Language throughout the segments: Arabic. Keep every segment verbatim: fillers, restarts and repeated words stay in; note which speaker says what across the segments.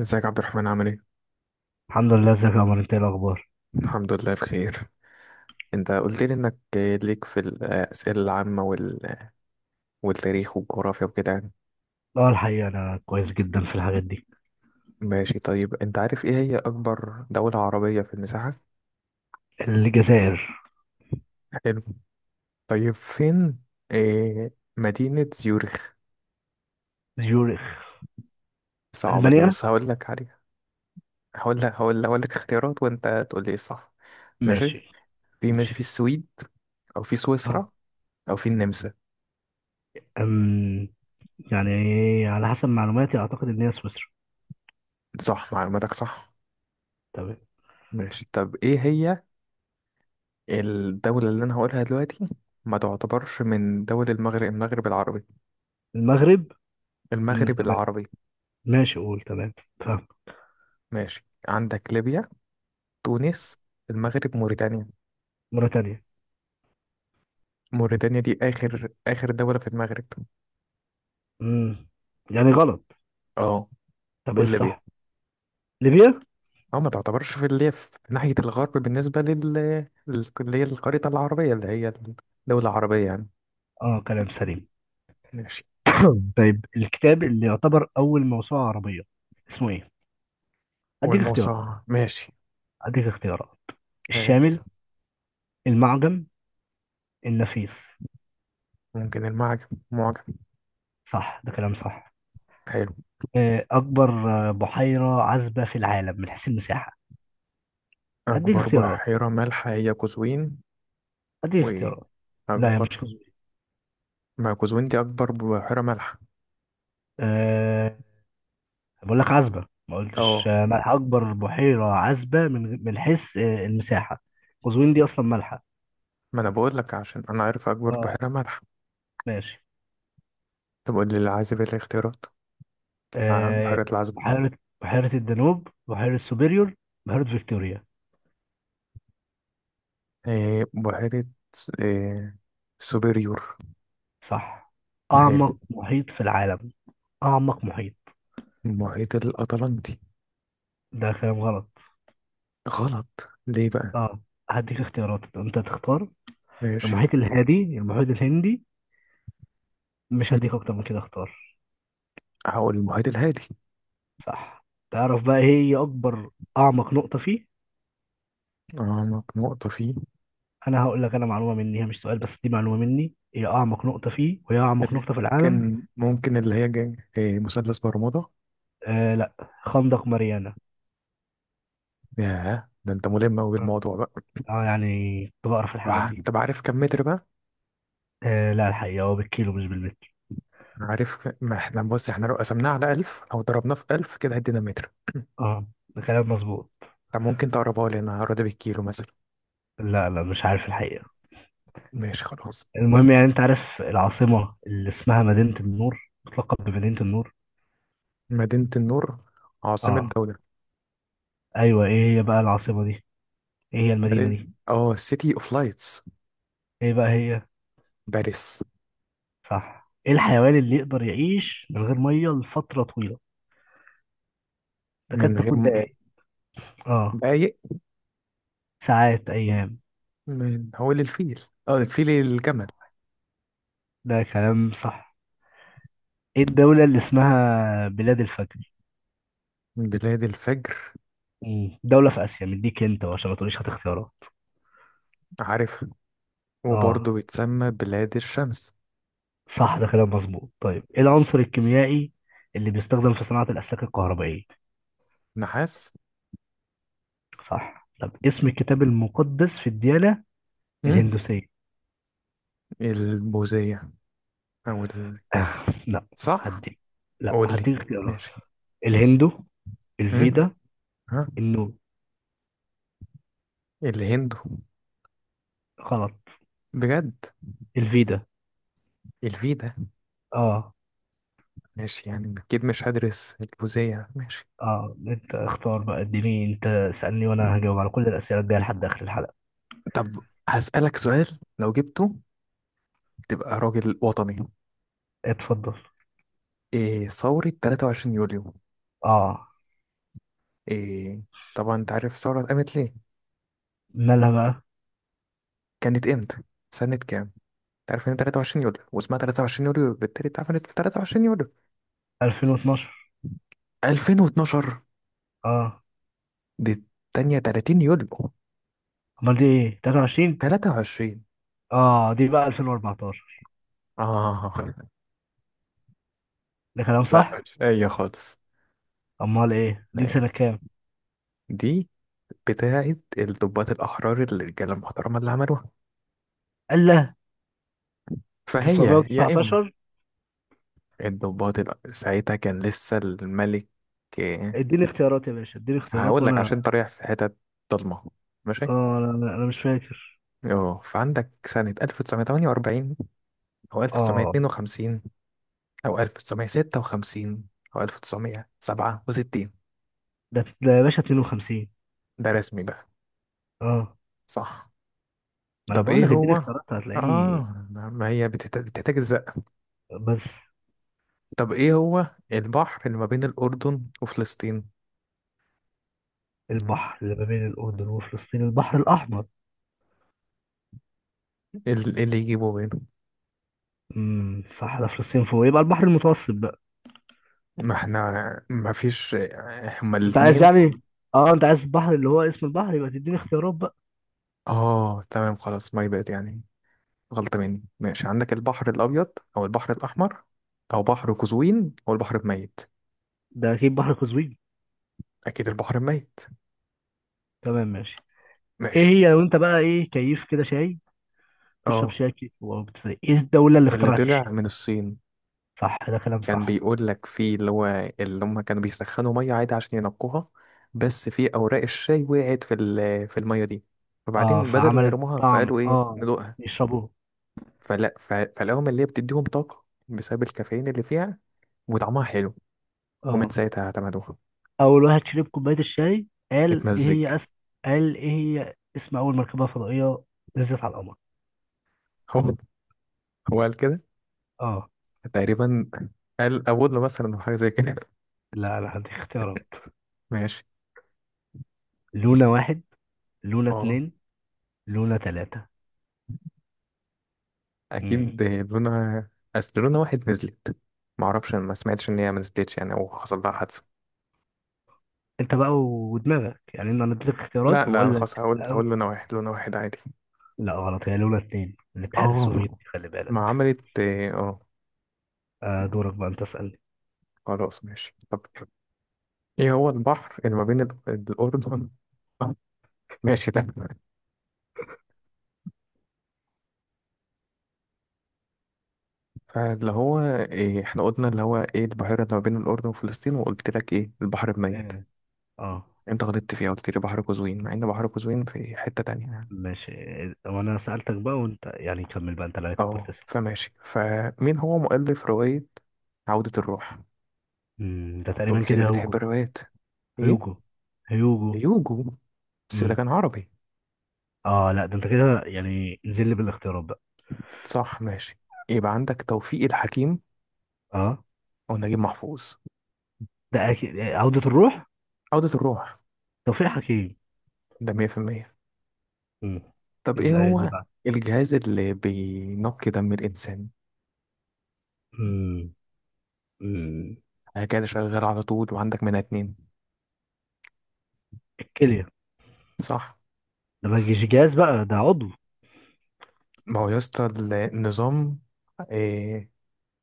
Speaker 1: ازيك يا عبد الرحمن، عامل ايه؟
Speaker 2: الحمد لله. ازيك يا عمر؟ انت ايه الاخبار؟
Speaker 1: الحمد لله بخير. انت قلت لي انك ليك في الأسئلة العامة وال... والتاريخ والجغرافيا وكده يعني.
Speaker 2: اه الحقيقه انا كويس جدا في الحاجات دي.
Speaker 1: ماشي، طيب انت عارف ايه هي أكبر دولة عربية في المساحة؟
Speaker 2: الجزائر.
Speaker 1: حلو. طيب فين إيه مدينة زيورخ؟
Speaker 2: زيورخ.
Speaker 1: صعبة دي،
Speaker 2: المانيا.
Speaker 1: بص هقول لك عليها. هقول لك هقول هقول لك اختيارات وانت تقول لي ايه الصح. ماشي؟
Speaker 2: ماشي.
Speaker 1: في
Speaker 2: ماشي.
Speaker 1: ماشي في السويد، أو في
Speaker 2: اه
Speaker 1: سويسرا، أو في النمسا.
Speaker 2: أم يعني على حسب معلوماتي اعتقد ان هي سويسرا.
Speaker 1: صح، معلوماتك صح.
Speaker 2: تمام.
Speaker 1: ماشي، طب ايه هي الدولة اللي أنا هقولها دلوقتي ما تعتبرش من دول المغرب، المغرب العربي،
Speaker 2: المغرب. مم.
Speaker 1: المغرب
Speaker 2: تمام.
Speaker 1: العربي.
Speaker 2: ماشي، قول. تمام، فاهم.
Speaker 1: ماشي، عندك ليبيا، تونس، المغرب، موريتانيا.
Speaker 2: موريتانيا.
Speaker 1: موريتانيا دي آخر آخر دولة في المغرب.
Speaker 2: امم يعني غلط.
Speaker 1: اه،
Speaker 2: طب ايه
Speaker 1: وليبيا.
Speaker 2: الصح؟ ليبيا.
Speaker 1: اه ما تعتبرش في اللي هي في ناحية الغرب بالنسبة لل لل- اللي هي الخريطة العربية، اللي هي الدولة العربية يعني.
Speaker 2: اه كلام سليم.
Speaker 1: ماشي.
Speaker 2: طيب، الكتاب اللي يعتبر اول موسوعه عربيه اسمه ايه؟ اديك اختيارات،
Speaker 1: والموصل ماشي.
Speaker 2: اديك اختيارات: الشامل،
Speaker 1: هات.
Speaker 2: المعجم، النفيس.
Speaker 1: ممكن المعجم، معجم.
Speaker 2: صح، ده كلام صح.
Speaker 1: حلو.
Speaker 2: آه، أكبر، آه، بحيرة عذبة في العالم من حيث المساحة. هديك
Speaker 1: أكبر
Speaker 2: اختيارات،
Speaker 1: بحيرة مالحة هي قزوين.
Speaker 2: هديك اختيارات. لا، هي مش
Speaker 1: وأكبر.
Speaker 2: قزوين.
Speaker 1: ما كوزوين دي أكبر بحيرة مالحة.
Speaker 2: أه بقول لك عذبة، ما قلتش
Speaker 1: اه،
Speaker 2: آه، ملح. أكبر بحيرة عذبة من من حيث آه، المساحة. قزوين دي أصلا مالحة.
Speaker 1: ما أنا بقول لك عشان أنا عارف أكبر
Speaker 2: اه
Speaker 1: بحيرة مالحة.
Speaker 2: ماشي.
Speaker 1: طب قول لي العازب إيه الاختيارات. آه،
Speaker 2: أه
Speaker 1: بحيرة العازب.
Speaker 2: بحيرة، بحيرة الدانوب، بحيرة سوبيريور، بحيرة فيكتوريا.
Speaker 1: إيه بحيرة، إيه، سوبيريور.
Speaker 2: صح.
Speaker 1: حلو.
Speaker 2: أعمق محيط في العالم، أعمق محيط.
Speaker 1: المحيط الأطلنطي.
Speaker 2: ده كلام غلط.
Speaker 1: غلط ليه بقى؟
Speaker 2: اه هديك اختيارات انت تختار:
Speaker 1: ماشي.
Speaker 2: المحيط الهادي، المحيط الهندي. مش
Speaker 1: مم.
Speaker 2: هديك اكتر من كده، اختار.
Speaker 1: هقول المحيط الهادي.
Speaker 2: صح. تعرف بقى ايه هي اكبر، اعمق نقطة فيه؟
Speaker 1: اه، نق- نقطة فيه
Speaker 2: انا هقول لك، انا معلومة مني، هي مش سؤال، بس دي معلومة مني، هي اعمق نقطة فيه وهي اعمق
Speaker 1: اللي،
Speaker 2: نقطة في العالم.
Speaker 1: ممكن ممكن اللي هي جاي إيه، مثلث برمودا.
Speaker 2: آه لا، خندق ماريانا.
Speaker 1: ياه، ده انت ملم أوي
Speaker 2: اه
Speaker 1: بالموضوع بقى.
Speaker 2: آه، يعني كنت بقرا في الحاجات
Speaker 1: آه،
Speaker 2: دي.
Speaker 1: انت عارف كم متر بقى؟
Speaker 2: آه لا، الحقيقة هو بالكيلو مش بالمتر.
Speaker 1: عارف، ما احنا بص احنا لو قسمناه على ألف او ضربناه في ألف كده هيدينا متر.
Speaker 2: اه ده كلام مظبوط.
Speaker 1: طب ممكن تقربها لي، انا هقربها بالكيلو مثلا.
Speaker 2: لا لا، مش عارف الحقيقة.
Speaker 1: ماشي، خلاص.
Speaker 2: المهم يعني انت عارف العاصمة اللي اسمها مدينة النور، بتلقب بمدينة النور؟
Speaker 1: مدينة النور عاصمة
Speaker 2: اه،
Speaker 1: دولة.
Speaker 2: ايوه، ايه هي بقى العاصمة دي؟ ايه هي المدينة
Speaker 1: مدينة،
Speaker 2: دي؟
Speaker 1: اه سيتي اوف لايتس.
Speaker 2: ايه بقى هي؟
Speaker 1: باريس.
Speaker 2: صح. ايه الحيوان اللي يقدر يعيش من غير ميه لفتره طويله؟ تكاد
Speaker 1: من غير
Speaker 2: تكون
Speaker 1: م-
Speaker 2: دقائق، اه،
Speaker 1: دقايق.
Speaker 2: ساعات، ايام.
Speaker 1: من هو للفيل؟ اه الفيل، الجمل.
Speaker 2: ده كلام صح. ايه الدوله اللي اسمها بلاد الفجر؟
Speaker 1: بلاد الفجر.
Speaker 2: مم. دوله في اسيا، مديك انت عشان ما تقوليش هات اختيارات.
Speaker 1: عارفها، وبرضه
Speaker 2: اه
Speaker 1: بتسمى بلاد الشمس.
Speaker 2: صح، ده كلام مظبوط. طيب ايه العنصر الكيميائي اللي بيستخدم في صناعه الاسلاك الكهربائيه؟
Speaker 1: نحاس.
Speaker 2: صح. طب اسم الكتاب المقدس في الديانه
Speaker 1: مم.
Speaker 2: الهندوسيه؟
Speaker 1: البوذية، او ال...
Speaker 2: لا.
Speaker 1: صح،
Speaker 2: هديك، لا
Speaker 1: قول لي.
Speaker 2: هديك اختيارات:
Speaker 1: ماشي.
Speaker 2: الهندو،
Speaker 1: مم.
Speaker 2: الفيدا،
Speaker 1: ها.
Speaker 2: النور.
Speaker 1: الهند.
Speaker 2: غلط.
Speaker 1: بجد؟
Speaker 2: الفيدا.
Speaker 1: الفي ده.
Speaker 2: اه.
Speaker 1: ماشي، يعني أكيد مش هدرس الجوزية. ماشي.
Speaker 2: اه انت اختار بقى، اديني، انت سألني وانا هجاوب على كل الأسئلة الجاية لحد آخر الحلقة.
Speaker 1: طب هسألك سؤال، لو جبته تبقى راجل وطني.
Speaker 2: اتفضل.
Speaker 1: إيه ثورة ثلاثة وعشرين يوليو؟
Speaker 2: اه،
Speaker 1: إيه؟ طبعا أنت عارف الثورة قامت ليه.
Speaker 2: مالها بقى؟
Speaker 1: كانت إمتى؟ سنة كام؟ أنت عارف إن تلاتة وعشرين يوليو واسمها تلاتة وعشرين يوليو بالتالي اتعملت في تلاتة وعشرين يوليو.
Speaker 2: ألفين واتناشر.
Speaker 1: ألفين واتناشر؟
Speaker 2: اه.
Speaker 1: دي التانية تلاتين يوليو.
Speaker 2: امال دي ايه؟ تلاتة وعشرين.
Speaker 1: تلاتة وعشرين.
Speaker 2: اه دي بقى ألفين وأربعتاشر.
Speaker 1: آه
Speaker 2: ده كلام
Speaker 1: لا،
Speaker 2: صح.
Speaker 1: مش أي خالص.
Speaker 2: امال ايه
Speaker 1: لا
Speaker 2: دي،
Speaker 1: إيه.
Speaker 2: سنة كام؟
Speaker 1: دي بتاعة الضباط الأحرار، الرجالة المحترمة اللي عملوها.
Speaker 2: الله.
Speaker 1: فهي. يا إما.
Speaker 2: تسعمائة وتسعة عشر.
Speaker 1: الضباط الأ- ساعتها كان لسه الملك. آه،
Speaker 2: اديني اختيارات يا باشا، اديني اختيارات
Speaker 1: هقول لك
Speaker 2: وانا.
Speaker 1: عشان انت رايح في حتت ضلمة. ماشي،
Speaker 2: اه، انا أنا- أنا مش فاكر.
Speaker 1: اه فعندك سنة ألف وتسعمئة وثمانية وأربعين، أو
Speaker 2: اه
Speaker 1: ألف وتسعمئة واثنين وخمسين، أو ألف تسعمية ستة وخمسين، أو ألف تسعمية سبعة وستين.
Speaker 2: ده ده يا باشا اتنين وخمسين.
Speaker 1: ده رسمي بقى.
Speaker 2: اه
Speaker 1: صح.
Speaker 2: ما انا
Speaker 1: طب
Speaker 2: بقول
Speaker 1: إيه
Speaker 2: لك اديني
Speaker 1: هو؟
Speaker 2: اختيارات هتلاقيني.
Speaker 1: آه، ما هي بتحتاج بتحتاج الزق.
Speaker 2: بس.
Speaker 1: طب إيه هو البحر اللي ما بين الأردن وفلسطين؟
Speaker 2: البحر اللي ما بين الأردن وفلسطين؟ البحر الأحمر.
Speaker 1: إيه ال- إيه اللي يجيبه بينهم؟
Speaker 2: امم صح، ده فلسطين فوق، يبقى البحر المتوسط بقى.
Speaker 1: ما احنا ما فيش، هما
Speaker 2: أنت عايز
Speaker 1: الاثنين.
Speaker 2: يعني، أه أنت عايز البحر اللي هو اسم البحر، يبقى تديني اختيارات بقى.
Speaker 1: اه تمام، خلاص ماي باد يعني، غلطة مني. ماشي، عندك البحر الأبيض، أو البحر الأحمر، أو بحر قزوين، أو البحر الميت.
Speaker 2: ده أكيد بحر قزوين.
Speaker 1: أكيد البحر الميت.
Speaker 2: تمام، ماشي. إيه
Speaker 1: ماشي.
Speaker 2: هي لو أنت بقى، إيه كيف كده شاي، تشرب
Speaker 1: اه،
Speaker 2: شاي كيف وبتزاي؟ إيه الدولة اللي
Speaker 1: اللي
Speaker 2: اخترعت
Speaker 1: طلع
Speaker 2: الشاي؟
Speaker 1: من الصين.
Speaker 2: صح، ده كلام
Speaker 1: كان
Speaker 2: صح.
Speaker 1: بيقول لك في اللي هو، اللي هم كانوا بيسخنوا مية عادي عشان ينقوها، بس في أوراق الشاي وقعت في ال- في المية دي،
Speaker 2: أه
Speaker 1: فبعدين بدل ما
Speaker 2: فعملت
Speaker 1: يرموها
Speaker 2: طعم،
Speaker 1: فقالوا إيه
Speaker 2: أه
Speaker 1: ندوقها.
Speaker 2: يشربوه.
Speaker 1: فلا ف- فالقهوة الملية بتديهم طاقة بسبب الكافيين اللي فيها، وطعمها حلو. ومن
Speaker 2: أه.
Speaker 1: ساعتها اعتمدوها.
Speaker 2: أول واحد شرب كوباية الشاي قال إيه؟
Speaker 1: اتمزج.
Speaker 2: هي أس... قال إيه هي اسم أول مركبة فضائية نزلت على القمر؟
Speaker 1: هو، هو قال كده
Speaker 2: اه
Speaker 1: تقريبا. قال أبولو مثلا أو حاجة زي كده.
Speaker 2: لا، لا هدي اختيارات:
Speaker 1: ماشي.
Speaker 2: لولا واحد، لولا
Speaker 1: اه،
Speaker 2: اتنين، لولا تلاتة. مم.
Speaker 1: أكيد لونا. أصل لونا واحد نزلت، معرفش، أنا ما سمعتش إن هي ما نزلتش يعني، أو حصل لها حادثة.
Speaker 2: انت بقى ودماغك، يعني انا اديتك
Speaker 1: لا
Speaker 2: اختيارات
Speaker 1: لا، أنا
Speaker 2: وبقول
Speaker 1: خلاص
Speaker 2: لك
Speaker 1: هقول هقول
Speaker 2: أه.
Speaker 1: لونا واحد، لونا واحد عادي.
Speaker 2: لا غلط، هي لولا اتنين، الاتحاد
Speaker 1: اه
Speaker 2: السوفيتي خلي
Speaker 1: ما
Speaker 2: بالك.
Speaker 1: عملت، اه.
Speaker 2: آه دورك بقى، انت اسألني.
Speaker 1: خلاص ماشي. طب ايه هو البحر اللي ما بين ال- الأردن ماشي ده، فاللي هو إيه، احنا قلنا اللي هو ايه البحيرة اللي ما بين الأردن وفلسطين وقلت لك ايه البحر الميت.
Speaker 2: اه آه،
Speaker 1: انت غلطت فيها، قلت لي بحر قزوين، مع ان بحر قزوين في حتة تانية يعني.
Speaker 2: ماشي. وانا سألتك بقى وانت يعني كمل بقى، انت اللي عليك الدور
Speaker 1: اه،
Speaker 2: تسأل.
Speaker 1: فماشي. فمين هو مؤلف رواية عودة الروح؟ انت
Speaker 2: مم، ده تقريبا
Speaker 1: قلت
Speaker 2: كده
Speaker 1: لي بتحب
Speaker 2: هيوجو.
Speaker 1: الروايات. ايه،
Speaker 2: هيوجو، هيوجو.
Speaker 1: هيوجو؟ بس ده
Speaker 2: مم.
Speaker 1: كان عربي.
Speaker 2: اه لا، ده انت كده يعني نزل لي بالاختيارات بقى.
Speaker 1: صح، ماشي. يبقى عندك توفيق الحكيم،
Speaker 2: اه
Speaker 1: او نجيب محفوظ.
Speaker 2: ده أكيد عودة الروح،
Speaker 1: عودة الروح.
Speaker 2: توفيق حكيم.
Speaker 1: ده مية بالمية.
Speaker 2: مم.
Speaker 1: طب ايه
Speaker 2: اللي،
Speaker 1: هو الجهاز اللي بينقي دم الانسان؟
Speaker 2: مم. مم.
Speaker 1: حاجة كده شغال على طول وعندك منها اتنين.
Speaker 2: الكلية.
Speaker 1: صح.
Speaker 2: ده ما يجيش جهاز بقى، ده عضو.
Speaker 1: ما هو يا اسطى، النظام، إيه،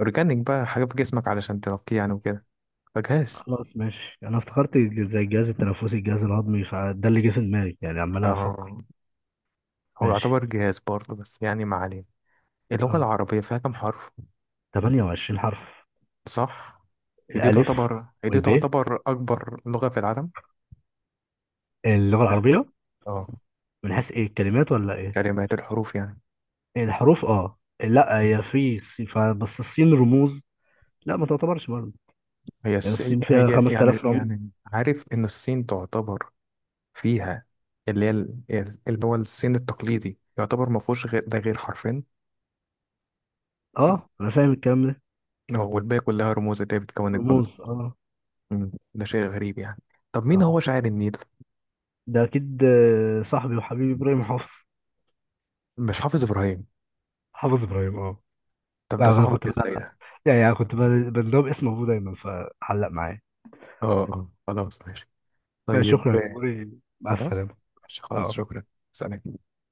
Speaker 1: اورجانيك بقى، حاجه في جسمك علشان ترقيه يعني وكده، فجهاز.
Speaker 2: خلاص ماشي، انا افتكرت زي الجهاز التنفسي، الجهاز الهضمي، فده اللي جه في دماغي يعني عمال
Speaker 1: اه،
Speaker 2: افكر.
Speaker 1: هو
Speaker 2: ماشي.
Speaker 1: يعتبر جهاز برضه بس يعني ما علينا. اللغه
Speaker 2: اه،
Speaker 1: العربيه فيها كام حرف؟
Speaker 2: ثمانية وعشرين حرف.
Speaker 1: صح. هي دي
Speaker 2: الالف
Speaker 1: تعتبر هي دي
Speaker 2: والب،
Speaker 1: تعتبر اكبر لغه في العالم.
Speaker 2: اللغة
Speaker 1: ال-
Speaker 2: العربية.
Speaker 1: اه،
Speaker 2: من حيث ايه، الكلمات ولا ايه؟
Speaker 1: كلمات، الحروف يعني.
Speaker 2: إيه، الحروف، اه لا هي
Speaker 1: مم.
Speaker 2: في ص- ف- بس الصين رموز. لا ما تعتبرش برضه.
Speaker 1: هي
Speaker 2: يعني
Speaker 1: الس...
Speaker 2: الصين فيها
Speaker 1: هي يعني،
Speaker 2: خمس تلاف رمز.
Speaker 1: يعني عارف ان الصين تعتبر فيها اللي هي ال- اللي هو الصين التقليدي يعتبر ما فيهوش غير ده غير حرفين.
Speaker 2: اه انا فاهم الكلام ده.
Speaker 1: اه، والباقي كلها رموز اللي هي بتكون الجملة.
Speaker 2: رموز اه.
Speaker 1: مم، ده شيء غريب يعني. طب مين هو
Speaker 2: اه
Speaker 1: شاعر النيل؟
Speaker 2: ده اكيد آه، صاحبي وحبيبي ابراهيم حافظ.
Speaker 1: مش حافظ إبراهيم.
Speaker 2: حافظ ابراهيم اه.
Speaker 1: طب
Speaker 2: لا
Speaker 1: ده
Speaker 2: انا كنت
Speaker 1: صاحبك ازاي
Speaker 2: بقى،
Speaker 1: ده؟
Speaker 2: يعني انا كنت بقى- بندوب اسم ابوه دايما فعلق معايا.
Speaker 1: اه اه، خلاص ماشي.
Speaker 2: ماشي، شكرا
Speaker 1: طيب
Speaker 2: يا
Speaker 1: آه،
Speaker 2: جمهوري، مع
Speaker 1: خلاص
Speaker 2: السلامه.
Speaker 1: ماشي، خلاص
Speaker 2: اه.
Speaker 1: شكرا. سلام.